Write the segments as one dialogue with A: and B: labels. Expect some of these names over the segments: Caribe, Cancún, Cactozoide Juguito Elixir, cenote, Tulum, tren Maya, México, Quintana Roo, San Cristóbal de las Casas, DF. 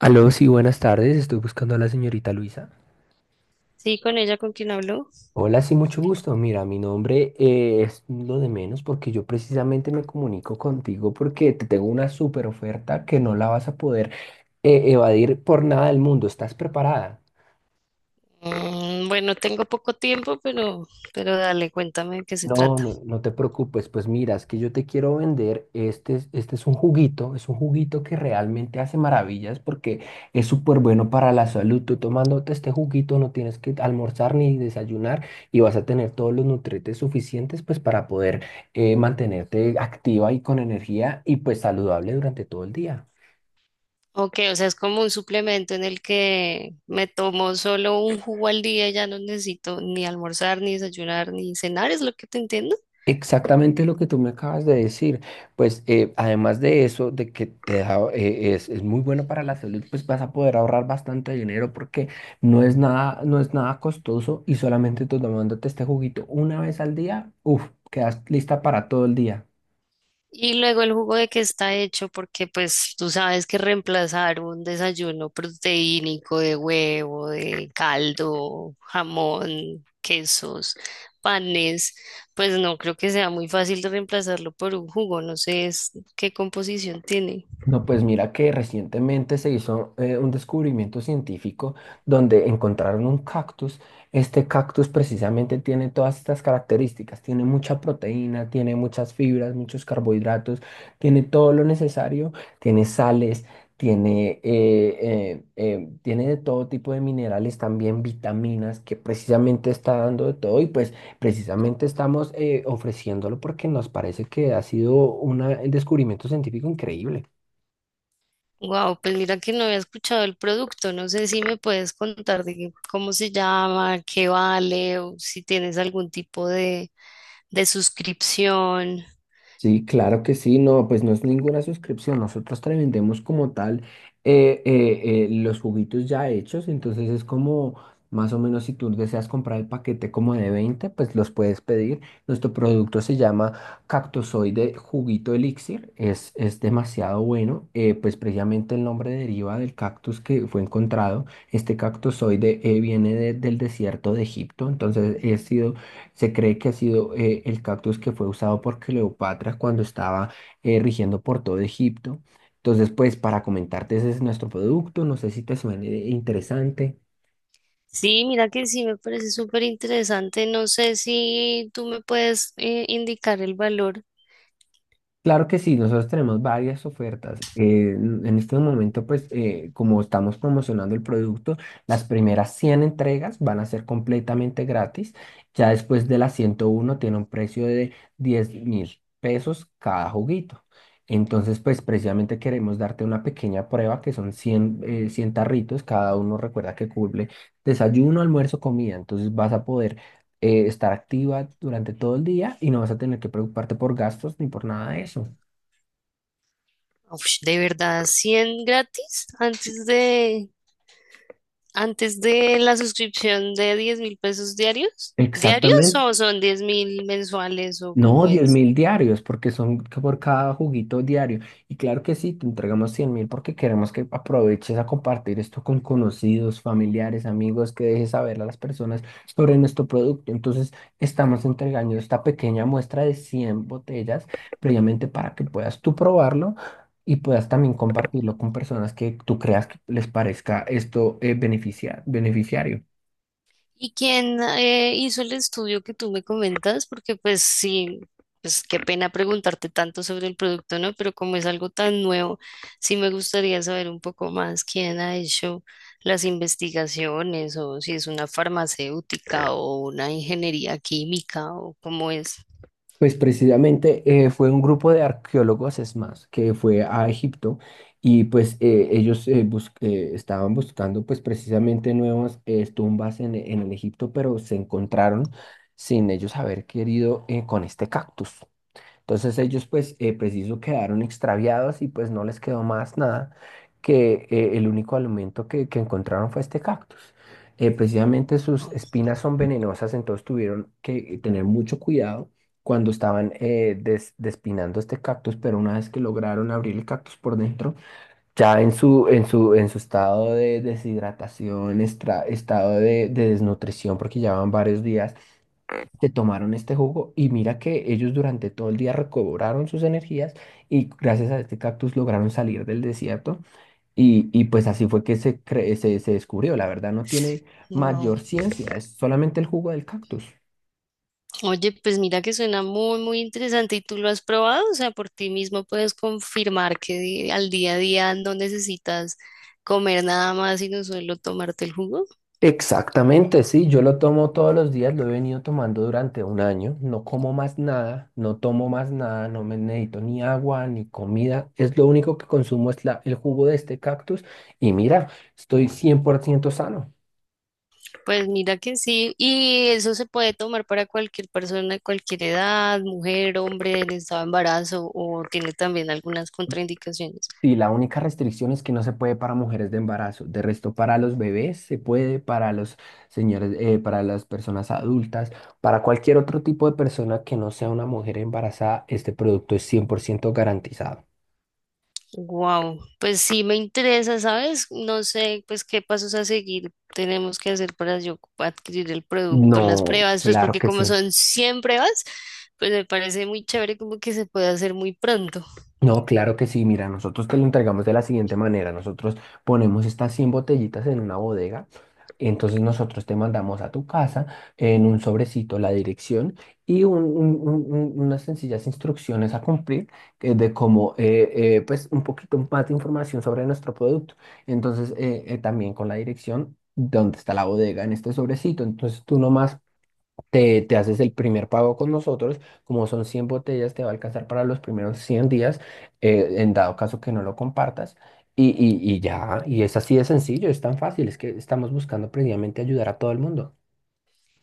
A: Aló, sí, buenas tardes. Estoy buscando a la señorita Luisa.
B: Sí, con ella, con quien habló.
A: Hola, sí, mucho gusto. Mira, mi nombre es lo de menos, porque yo precisamente me comunico contigo porque te tengo una super oferta que no la vas a poder evadir por nada del mundo. ¿Estás preparada?
B: Bueno, tengo poco tiempo, pero dale, cuéntame de qué se
A: No,
B: trata.
A: no, no te preocupes, pues mira, es que yo te quiero vender, este, este es un juguito que realmente hace maravillas porque es súper bueno para la salud. Tú tomándote este juguito no tienes que almorzar ni desayunar, y vas a tener todos los nutrientes suficientes pues para poder mantenerte activa y con energía y pues saludable durante todo el día.
B: Ok, o sea, es como un suplemento en el que me tomo solo un jugo al día, ya no necesito ni almorzar, ni desayunar, ni cenar, es lo que te entiendo.
A: Exactamente lo que tú me acabas de decir. Pues además de eso, de que te da, es muy bueno para la salud, pues vas a poder ahorrar bastante dinero porque no es nada, no es nada costoso, y solamente tú tomándote este juguito una vez al día, uff, quedas lista para todo el día.
B: Y luego el jugo de qué está hecho, porque pues tú sabes que reemplazar un desayuno proteínico de huevo, de caldo, jamón, quesos, panes, pues no creo que sea muy fácil de reemplazarlo por un jugo, no sé qué composición tiene.
A: No, pues mira que recientemente se hizo un descubrimiento científico donde encontraron un cactus. Este cactus precisamente tiene todas estas características. Tiene mucha proteína, tiene muchas fibras, muchos carbohidratos, tiene todo lo necesario, tiene sales, tiene, tiene de todo tipo de minerales, también vitaminas, que precisamente está dando de todo. Y pues precisamente estamos ofreciéndolo porque nos parece que ha sido un descubrimiento científico increíble.
B: Wow, pues mira que no había escuchado el producto, no sé si me puedes contar de cómo se llama, qué vale, o si tienes algún tipo de suscripción.
A: Sí, claro que sí, no, pues no es ninguna suscripción, nosotros te vendemos como tal los juguitos ya hechos, entonces es como más o menos, si tú deseas comprar el paquete como de 20, pues los puedes pedir. Nuestro producto se llama Cactozoide Juguito Elixir, es demasiado bueno, pues precisamente el nombre deriva del cactus que fue encontrado. Este cactozoide viene del desierto de Egipto, entonces ha sido, se cree que ha sido el cactus que fue usado por Cleopatra cuando estaba rigiendo por todo Egipto. Entonces, pues para comentarte, ese es nuestro producto. No sé si te suene interesante.
B: Sí, mira que sí me parece súper interesante. No sé si tú me puedes indicar el valor.
A: Claro que sí, nosotros tenemos varias ofertas. En este momento, pues, como estamos promocionando el producto, las primeras 100 entregas van a ser completamente gratis. Ya después de las 101 tiene un precio de 10 mil pesos cada juguito. Entonces, pues, precisamente queremos darte una pequeña prueba que son 100 100 tarritos. Cada uno recuerda que cubre desayuno, almuerzo, comida. Entonces, vas a poder estar activa durante todo el día y no vas a tener que preocuparte por gastos ni por nada de eso.
B: Uf, ¿de verdad 100 gratis antes de la suscripción de 10.000 pesos diarios? ¿Diarios
A: Exactamente.
B: o son 10.000 mensuales o
A: No,
B: cómo
A: 10
B: es?
A: mil diarios, porque son por cada juguito diario. Y claro que sí, te entregamos 100 mil porque queremos que aproveches a compartir esto con conocidos, familiares, amigos, que dejes saber a las personas sobre nuestro producto. Entonces, estamos entregando esta pequeña muestra de 100 botellas previamente para que puedas tú probarlo y puedas también compartirlo con personas que tú creas que les parezca esto beneficiario.
B: ¿Y quién hizo el estudio que tú me comentas? Porque pues sí, pues qué pena preguntarte tanto sobre el producto, ¿no? Pero como es algo tan nuevo, sí me gustaría saber un poco más quién ha hecho las investigaciones o si es una farmacéutica o una ingeniería química o cómo es.
A: Pues precisamente fue un grupo de arqueólogos, es más, que fue a Egipto, y pues estaban buscando pues precisamente nuevas tumbas en el Egipto, pero se encontraron sin ellos haber querido, con este cactus. Entonces ellos pues preciso quedaron extraviados y pues no les quedó más nada que el único alimento que encontraron fue este cactus. Precisamente sus espinas son venenosas, entonces tuvieron que tener mucho cuidado cuando estaban despinando este cactus, pero una vez que lograron abrir el cactus por dentro, ya en su, en su, en su estado de deshidratación, estado de desnutrición, porque llevaban varios días, se tomaron este jugo y mira que ellos durante todo el día recobraron sus energías, y gracias a este cactus lograron salir del desierto, y pues así fue que se descubrió. La verdad no tiene
B: Wow.
A: mayor ciencia, es solamente el jugo del cactus.
B: Oye, pues mira que suena muy, muy interesante y tú lo has probado, o sea, por ti mismo puedes confirmar que al día a día no necesitas comer nada más, sino solo tomarte el jugo.
A: Exactamente, sí, yo lo tomo todos los días, lo he venido tomando durante un año, no como más nada, no tomo más nada, no me necesito ni agua ni comida, es lo único que consumo, es la, el jugo de este cactus y mira, estoy 100% sano.
B: Pues mira que sí, y eso se puede tomar para cualquier persona de cualquier edad, mujer, hombre, en estado de embarazo o tiene también algunas contraindicaciones.
A: Y la única restricción es que no se puede para mujeres de embarazo. De resto, para los bebés se puede, para los señores, para las personas adultas, para cualquier otro tipo de persona que no sea una mujer embarazada, este producto es 100% garantizado.
B: Wow, pues sí me interesa, ¿sabes? No sé, pues qué pasos a seguir tenemos que hacer para yo adquirir el producto, las
A: No,
B: pruebas, pues
A: claro
B: porque
A: que
B: como
A: sí.
B: son 100 pruebas, pues me parece muy chévere como que se puede hacer muy pronto.
A: No, claro que sí. Mira, nosotros te lo entregamos de la siguiente manera. Nosotros ponemos estas 100 botellitas en una bodega. Entonces nosotros te mandamos a tu casa en un sobrecito la dirección y unas sencillas instrucciones a cumplir, eh, de cómo, eh, pues un poquito más de información sobre nuestro producto. Entonces también con la dirección, dónde está la bodega en este sobrecito. Entonces tú nomás te haces el primer pago con nosotros, como son 100 botellas, te va a alcanzar para los primeros 100 días, en dado caso que no lo compartas, y ya, y es así de sencillo, es tan fácil, es que estamos buscando precisamente ayudar a todo el mundo.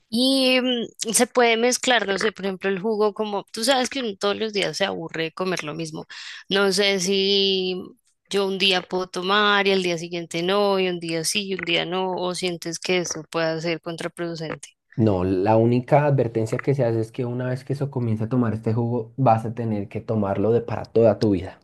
B: Y se puede mezclar, no sé, por ejemplo, el jugo como tú sabes que uno todos los días se aburre de comer lo mismo. No sé si yo un día puedo tomar y al día siguiente no, y un día sí y un día no, o sientes que eso pueda ser contraproducente.
A: No, la única advertencia que se hace es que una vez que eso comience a tomar este jugo, vas a tener que tomarlo de para toda tu vida.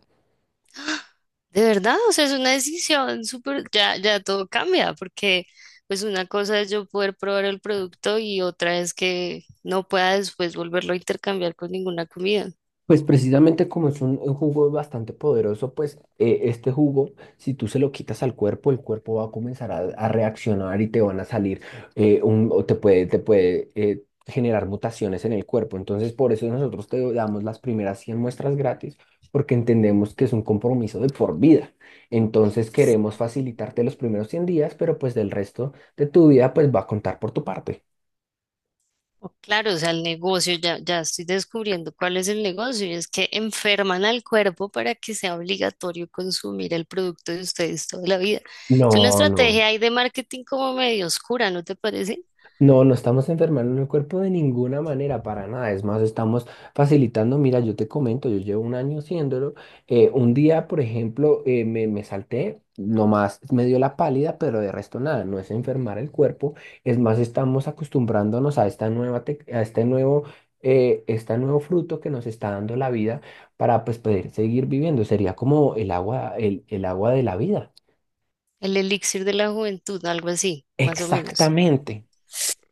B: De verdad, o sea, es una decisión súper, ya, ya todo cambia, porque pues una cosa es yo poder probar el producto y otra es que no pueda después volverlo a intercambiar con ninguna comida.
A: Pues precisamente como es un jugo bastante poderoso, pues este jugo, si tú se lo quitas al cuerpo, el cuerpo va a comenzar a reaccionar y te van a salir, te puede generar mutaciones en el cuerpo. Entonces, por eso nosotros te damos las primeras 100 muestras gratis, porque entendemos que es un compromiso de por vida. Entonces, queremos facilitarte los primeros 100 días, pero pues del resto de tu vida, pues va a contar por tu parte.
B: O claro, o sea, el negocio, ya, ya estoy descubriendo cuál es el negocio y es que enferman al cuerpo para que sea obligatorio consumir el producto de ustedes toda la vida. Es una
A: No, no.
B: estrategia ahí de marketing como medio oscura, ¿no te parece?
A: No, no estamos enfermando el cuerpo de ninguna manera, para nada. Es más, estamos facilitando. Mira, yo te comento, yo llevo un año haciéndolo. Un día, por ejemplo, me salté, nomás me dio la pálida, pero de resto nada, no es enfermar el cuerpo. Es más, estamos acostumbrándonos a esta a este nuevo fruto que nos está dando la vida para, pues, poder seguir viviendo. Sería como el agua, el agua de la vida.
B: El elixir de la juventud, algo así, más o menos.
A: Exactamente.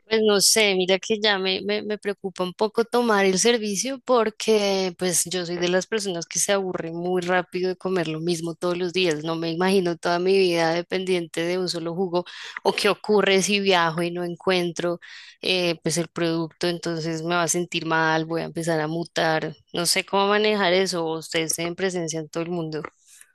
B: Pues no sé, mira que ya me preocupa un poco tomar el servicio porque pues yo soy de las personas que se aburre muy rápido de comer lo mismo todos los días. No me imagino toda mi vida dependiente de un solo jugo o qué ocurre si viajo y no encuentro pues el producto, entonces me va a sentir mal, voy a empezar a mutar. No sé cómo manejar eso, o ustedes en presencia en todo el mundo.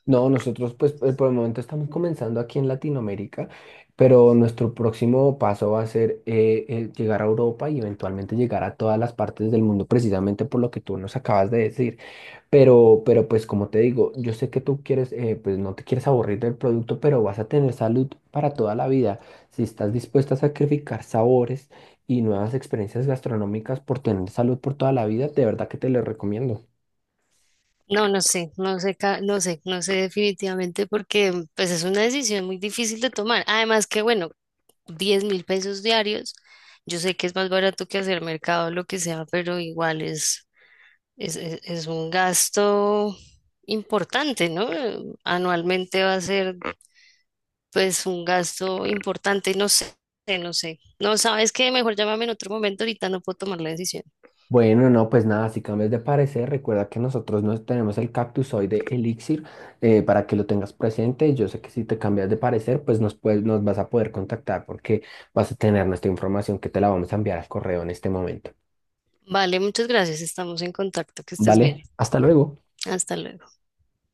A: No, nosotros pues por el momento estamos comenzando aquí en Latinoamérica, pero nuestro próximo paso va a ser llegar a Europa y eventualmente llegar a todas las partes del mundo, precisamente por lo que tú nos acabas de decir. Pero pues como te digo, yo sé que tú quieres, pues no te quieres aburrir del producto, pero vas a tener salud para toda la vida. Si estás dispuesta a sacrificar sabores y nuevas experiencias gastronómicas por tener salud por toda la vida, de verdad que te lo recomiendo.
B: No, no sé, no sé, no sé, no sé definitivamente porque pues es una decisión muy difícil de tomar. Además que bueno, 10.000 pesos diarios. Yo sé que es más barato que hacer mercado, o lo que sea, pero igual es un gasto importante, ¿no? Anualmente va a ser pues un gasto importante, no sé, no sé. No sabes qué, mejor llámame en otro momento, ahorita no puedo tomar la decisión.
A: Bueno, no, pues nada, si cambias de parecer, recuerda que nosotros no tenemos el cactus hoy de Elixir, para que lo tengas presente. Yo sé que si te cambias de parecer, pues nos vas a poder contactar porque vas a tener nuestra información, que te la vamos a enviar al correo en este momento.
B: Vale, muchas gracias, estamos en contacto, que estés bien.
A: ¿Vale? Hasta luego.
B: Hasta luego.